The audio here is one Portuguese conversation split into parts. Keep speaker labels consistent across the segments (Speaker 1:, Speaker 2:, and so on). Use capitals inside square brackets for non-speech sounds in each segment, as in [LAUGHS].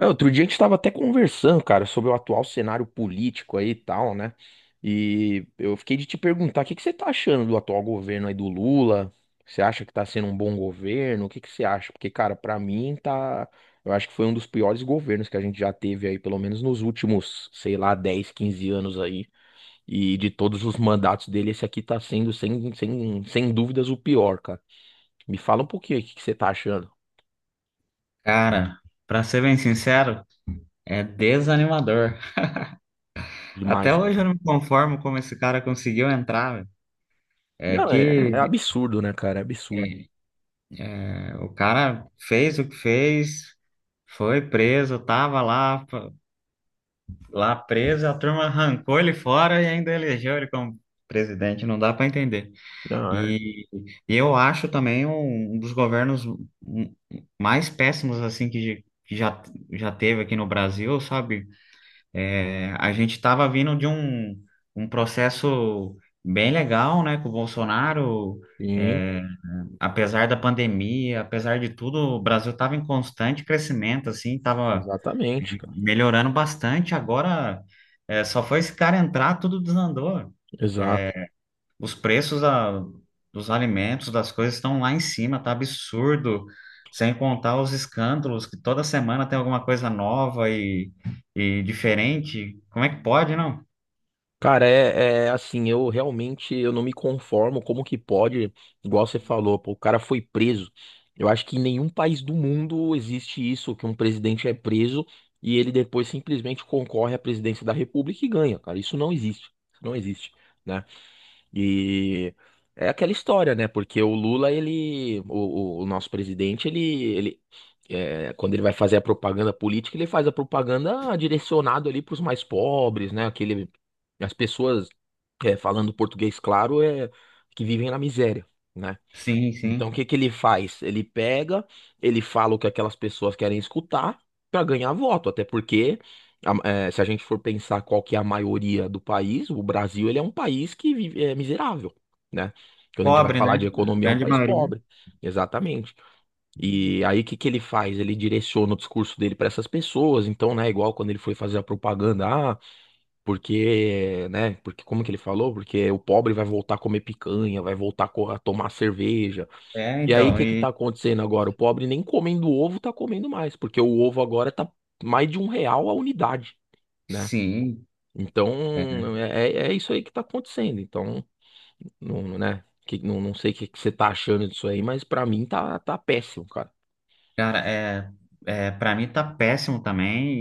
Speaker 1: É, outro dia a gente estava até conversando, cara, sobre o atual cenário político aí e tal, né? E eu fiquei de te perguntar, o que que você tá achando do atual governo aí do Lula? Você acha que tá sendo um bom governo? O que que você acha? Porque, cara, pra mim tá, eu acho que foi um dos piores governos que a gente já teve aí, pelo menos nos últimos, sei lá, 10, 15 anos aí. E de todos os mandatos dele, esse aqui tá sendo sem dúvidas o pior, cara. Me fala um pouquinho aí, o que que você tá achando
Speaker 2: Cara, pra ser bem sincero, é desanimador. Até
Speaker 1: demais, cara.
Speaker 2: hoje eu não me conformo como esse cara conseguiu entrar, velho. É
Speaker 1: Não, é, é
Speaker 2: que
Speaker 1: absurdo, né, cara? É absurdo.
Speaker 2: é, o cara fez o que fez, foi preso, tava lá, lá preso, a turma arrancou ele fora e ainda elegeu ele como presidente, não dá pra entender.
Speaker 1: Não, é.
Speaker 2: E, e eu acho também um dos governos mais péssimos assim que já teve aqui no Brasil, sabe? É, a gente estava vindo de um processo bem legal, né, com o Bolsonaro.
Speaker 1: Sim,
Speaker 2: É, apesar da pandemia, apesar de tudo, o Brasil estava em constante crescimento, assim, estava
Speaker 1: exatamente, cara.
Speaker 2: melhorando bastante. Agora, é, só foi esse cara entrar, tudo desandou.
Speaker 1: Exato.
Speaker 2: Os preços dos alimentos, das coisas estão lá em cima, tá absurdo. Sem contar os escândalos, que toda semana tem alguma coisa nova e diferente. Como é que pode, não?
Speaker 1: Cara, é assim, eu realmente eu não me conformo como que pode, igual você falou, pô, o cara foi preso. Eu acho que em nenhum país do mundo existe isso, que um presidente é preso e ele depois simplesmente concorre à presidência da República e ganha, cara. Isso não existe. Isso não existe, né? E é aquela história, né? Porque o Lula, o nosso presidente, quando ele vai fazer a propaganda política, ele faz a propaganda direcionado ali para os mais pobres, né? As pessoas falando português claro, é que vivem na miséria. Né?
Speaker 2: Sim,
Speaker 1: Então, o
Speaker 2: sim.
Speaker 1: que que ele faz? Ele pega, ele fala o que aquelas pessoas querem escutar para ganhar voto, até porque a- se a gente for pensar qual que é a maioria do país, o Brasil ele é um país que vive, é miserável, né? Quando a gente vai
Speaker 2: Pobre,
Speaker 1: falar de
Speaker 2: né? A
Speaker 1: economia, é um
Speaker 2: grande
Speaker 1: país
Speaker 2: maioria.
Speaker 1: pobre, exatamente. E aí o que que ele faz? Ele direciona o discurso dele para essas pessoas, então, né, igual quando ele foi fazer a propaganda, ah, porque, né, porque como que ele falou? Porque o pobre vai voltar a comer picanha, vai voltar a tomar cerveja.
Speaker 2: É,
Speaker 1: E aí, o
Speaker 2: então,
Speaker 1: que que tá
Speaker 2: e
Speaker 1: acontecendo agora? O pobre nem comendo ovo tá comendo mais, porque o ovo agora tá mais de R$ 1 a unidade, né?
Speaker 2: sim, é,
Speaker 1: Então, é isso aí que tá acontecendo. Então, né? Que, não sei o que que você tá achando disso aí, mas pra mim tá, tá péssimo, cara.
Speaker 2: cara, é, é para mim tá péssimo também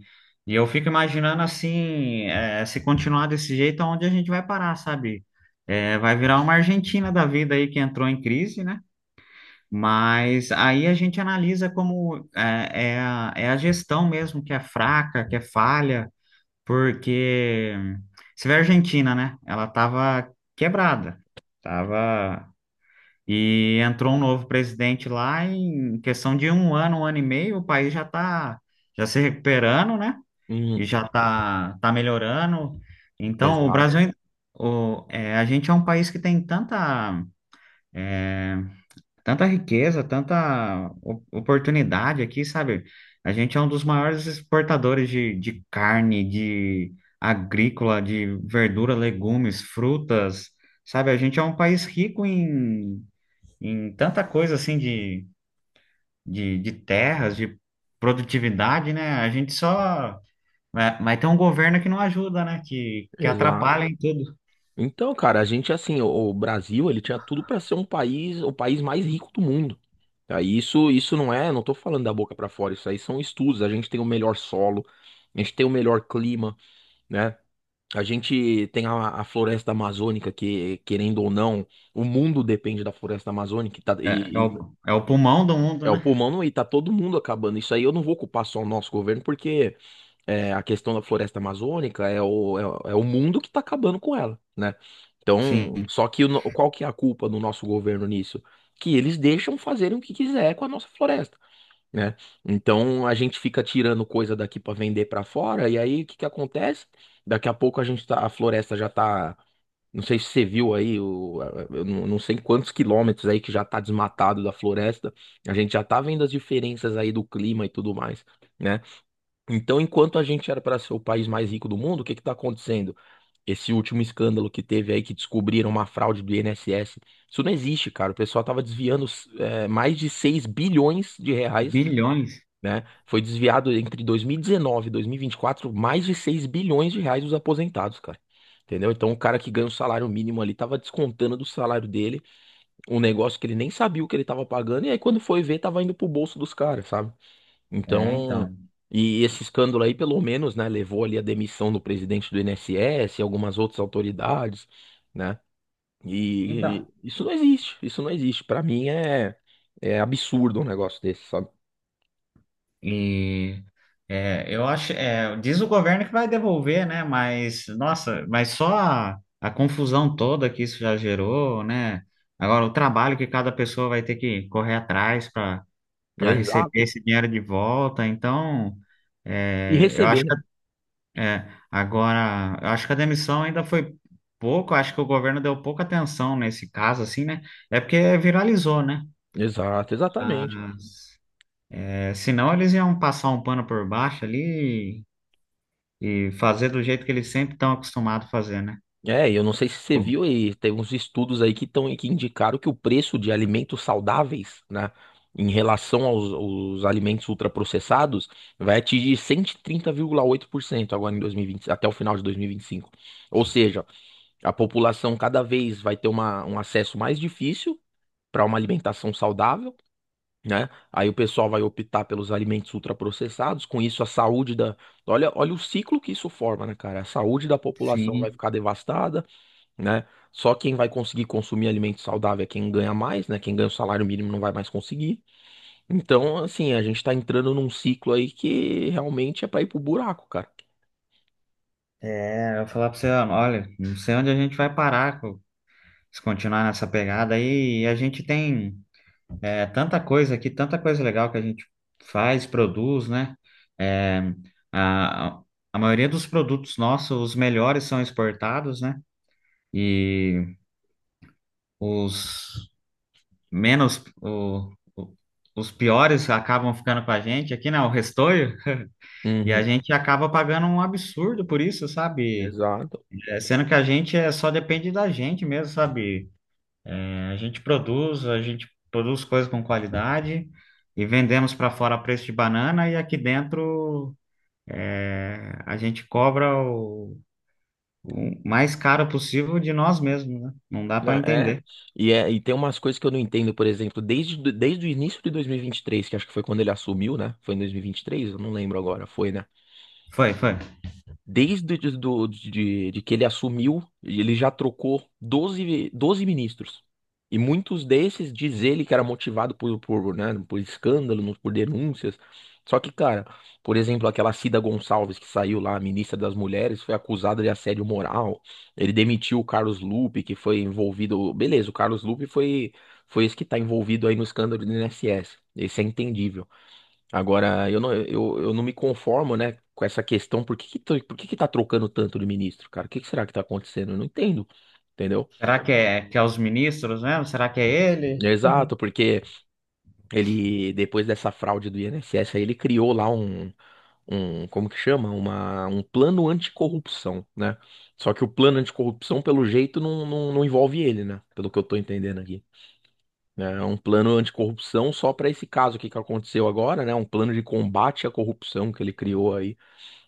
Speaker 2: e, e eu fico imaginando assim, é, se continuar desse jeito, aonde a gente vai parar, sabe? É, vai virar uma Argentina da vida aí que entrou em crise, né? Mas aí a gente analisa como é, é a gestão mesmo que é fraca, que é falha. Porque você vê a Argentina, né? Ela tava quebrada, tava e entrou um novo presidente lá em questão de um ano e meio, o país já tá já se recuperando, né? E
Speaker 1: Hum,
Speaker 2: já tá melhorando. Então, o
Speaker 1: exato,
Speaker 2: Brasil, é, a gente é um país que tem tanta riqueza, tanta oportunidade aqui, sabe? A gente é um dos maiores exportadores de carne, de agrícola, de verdura, legumes, frutas, sabe? A gente é um país rico em tanta coisa assim de terras, de produtividade, né? A gente só. Mas tem um governo que não ajuda, né? Que
Speaker 1: exato.
Speaker 2: atrapalha em tudo.
Speaker 1: Então, cara, a gente, assim, o Brasil, ele tinha tudo pra ser um país, o país mais rico do mundo. Tá? E isso não é, não tô falando da boca pra fora, isso aí são estudos. A gente tem o melhor solo, a gente tem o melhor clima. Né? A gente tem a, floresta amazônica que, querendo ou não, o mundo depende da floresta amazônica e, tá-
Speaker 2: É,
Speaker 1: e- e
Speaker 2: é o pulmão do mundo,
Speaker 1: é o
Speaker 2: né?
Speaker 1: pulmão e tá todo mundo acabando. Isso aí eu não vou culpar só o nosso governo, porque a questão da floresta amazônica é o mundo que tá acabando com ela, né? Então,
Speaker 2: Sim.
Speaker 1: só que o no- qual que é a culpa do nosso governo nisso? Que eles deixam fazerem o que quiser com a nossa floresta, né? Então a gente fica tirando coisa daqui para vender para fora, e aí o que que acontece? Daqui a pouco a gente tá, a floresta já tá, não sei se você viu aí, o, eu não sei quantos quilômetros aí que já tá desmatado da floresta. A gente já tá vendo as diferenças aí do clima e tudo mais, né? Então, enquanto a gente era para ser o país mais rico do mundo, o que que tá acontecendo? Esse último escândalo que teve aí que descobriram uma fraude do INSS. Isso não existe, cara. O pessoal tava desviando mais de 6 bilhões de reais,
Speaker 2: Bilhões.
Speaker 1: né? Foi desviado entre 2019 e 2024 mais de 6 bilhões de reais dos aposentados, cara. Entendeu? Então o cara que ganha o salário mínimo ali tava descontando do salário dele um negócio que ele nem sabia o que ele tava pagando, e aí quando foi ver, tava indo pro bolso dos caras, sabe?
Speaker 2: É, então.
Speaker 1: Então, e esse escândalo aí, pelo menos, né, levou ali a demissão do presidente do INSS e algumas outras autoridades, né?
Speaker 2: Então.
Speaker 1: E isso não existe, isso não existe. Pra mim é absurdo um negócio desse, sabe?
Speaker 2: E é, eu acho, é, diz o governo que vai devolver, né? Mas, nossa, mas só a confusão toda que isso já gerou, né? Agora, o trabalho que cada pessoa vai ter que correr atrás para receber
Speaker 1: Exato.
Speaker 2: esse dinheiro de volta. Então,
Speaker 1: E
Speaker 2: é, eu acho
Speaker 1: receber, né?
Speaker 2: que é, agora, eu acho que a demissão ainda foi pouco, acho que o governo deu pouca atenção nesse caso, assim, né? É porque viralizou, né?
Speaker 1: Exato, exatamente.
Speaker 2: Ah, é, senão eles iam passar um pano por baixo ali e fazer do jeito que eles sempre estão acostumados a fazer, né?
Speaker 1: É, e eu não sei se você viu aí, teve uns estudos aí que indicaram que o preço de alimentos saudáveis, né, em relação aos, alimentos ultraprocessados, vai atingir 130,8% agora em 2020 até o final de dois mil e vinte e cinco. Ou seja, a população cada vez vai ter um acesso mais difícil para uma alimentação saudável, né? Aí o pessoal vai optar pelos alimentos ultraprocessados, com isso a saúde da. Olha, olha o ciclo que isso forma, né, cara? A saúde da população vai
Speaker 2: Sim.
Speaker 1: ficar devastada, né? Só quem vai conseguir consumir alimento saudável é quem ganha mais, né? Quem ganha o salário mínimo não vai mais conseguir. Então, assim, a gente tá entrando num ciclo aí que realmente é pra ir pro buraco, cara.
Speaker 2: É, eu vou falar pra você, olha, não sei onde a gente vai parar se continuar nessa pegada aí. E a gente tem é, tanta coisa aqui, tanta coisa legal que a gente faz, produz, né? É, a, a maioria dos produtos nossos, os melhores são exportados, né? E os menos, os piores acabam ficando com a gente aqui, né? O restolho. E a
Speaker 1: Uhum,
Speaker 2: gente acaba pagando um absurdo por isso, sabe?
Speaker 1: exato.
Speaker 2: É, sendo que a gente é, só depende da gente mesmo, sabe? É, a gente produz coisas com qualidade e vendemos para fora a preço de banana e aqui dentro é, a gente cobra o mais caro possível de nós mesmos, né? Não dá
Speaker 1: Não,
Speaker 2: para
Speaker 1: é,
Speaker 2: entender.
Speaker 1: e tem umas coisas que eu não entendo, por exemplo, desde o início de 2023, que acho que foi quando ele assumiu, né? Foi em 2023, eu não lembro agora, foi, né?
Speaker 2: Foi, foi.
Speaker 1: Desde de, do- de que ele assumiu, ele já trocou 12 ministros. E muitos desses diz ele que era motivado por, né, por escândalos, por denúncias. Só que, cara, por exemplo, aquela Cida Gonçalves que saiu lá, ministra das Mulheres, foi acusada de assédio moral. Ele demitiu o Carlos Lupe, que foi envolvido. Beleza, o Carlos Lupe foi esse que está envolvido aí no escândalo do INSS. Esse é entendível. Agora, eu não, eu não me conformo, né, com essa questão. Por que que tá trocando tanto de ministro, cara? O que que será que tá acontecendo? Eu não entendo, entendeu?
Speaker 2: Será que é os ministros mesmo? Será que é ele?
Speaker 1: Exato, porque ele, depois dessa fraude do INSS, aí ele criou lá como que chama? Um plano anticorrupção, né? Só que o plano anticorrupção, pelo jeito, não, não, não envolve ele, né? Pelo que eu tô entendendo aqui. É um plano anticorrupção só para esse caso aqui que aconteceu agora, né? Um plano de combate à corrupção que ele criou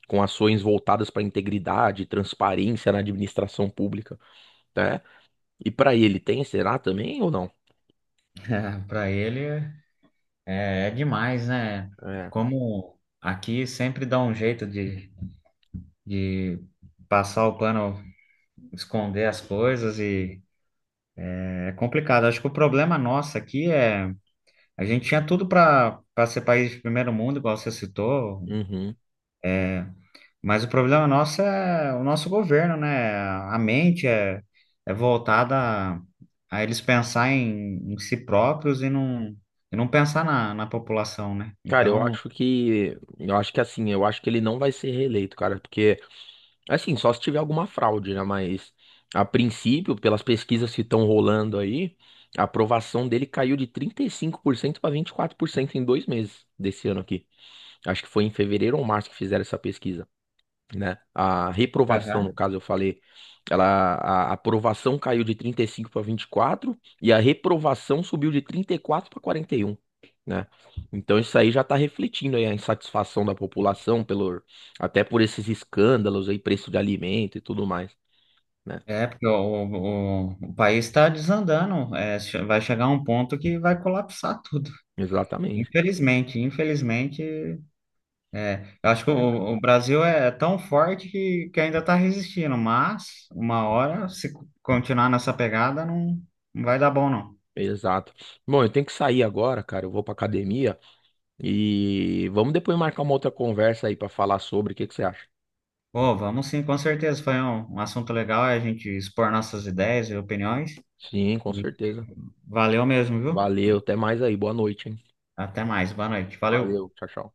Speaker 1: com ações voltadas para integridade e transparência na administração pública, né? E para ele tem, será também ou não?
Speaker 2: [LAUGHS] Para ele. É, é demais, né?
Speaker 1: É.
Speaker 2: Como aqui sempre dá um jeito de passar o pano, esconder as coisas e é complicado. Acho que o problema nosso aqui é a gente tinha tudo para ser país de primeiro mundo, igual você citou,
Speaker 1: Uhum.
Speaker 2: é, mas o problema nosso é o nosso governo, né? A mente é, é voltada a eles pensar em si próprios e não pensar na população, né?
Speaker 1: Cara,
Speaker 2: Então,
Speaker 1: eu acho que ele não vai ser reeleito, cara, porque assim, só se tiver alguma fraude, né? Mas a princípio, pelas pesquisas que estão rolando aí, a aprovação dele caiu de 35% para 24% em 2 meses desse ano aqui. Acho que foi em fevereiro ou março que fizeram essa pesquisa. Né? A reprovação, no
Speaker 2: aham.
Speaker 1: caso, eu falei, ela, a aprovação caiu de 35 para 24 e a reprovação subiu de 34 para 41, né? Então isso aí já está refletindo aí a insatisfação da população pelo até por esses escândalos aí, preço de alimento e tudo mais, né?
Speaker 2: É, porque o país está desandando. É, vai chegar um ponto que vai colapsar tudo.
Speaker 1: Exatamente.
Speaker 2: Infelizmente, infelizmente, eu acho que
Speaker 1: É, cara.
Speaker 2: o Brasil é tão forte que ainda está resistindo, mas uma hora, se continuar nessa pegada, não, não vai dar bom, não.
Speaker 1: Exato. Bom, eu tenho que sair agora, cara. Eu vou pra academia e vamos depois marcar uma outra conversa aí para falar sobre o que que você acha.
Speaker 2: Pô, vamos sim, com certeza. Foi um assunto legal, é a gente expor nossas ideias e opiniões.
Speaker 1: Sim, com
Speaker 2: E
Speaker 1: certeza.
Speaker 2: valeu mesmo, viu?
Speaker 1: Valeu, até mais aí. Boa noite, hein?
Speaker 2: Até mais, boa noite. Valeu.
Speaker 1: Valeu, tchau, tchau.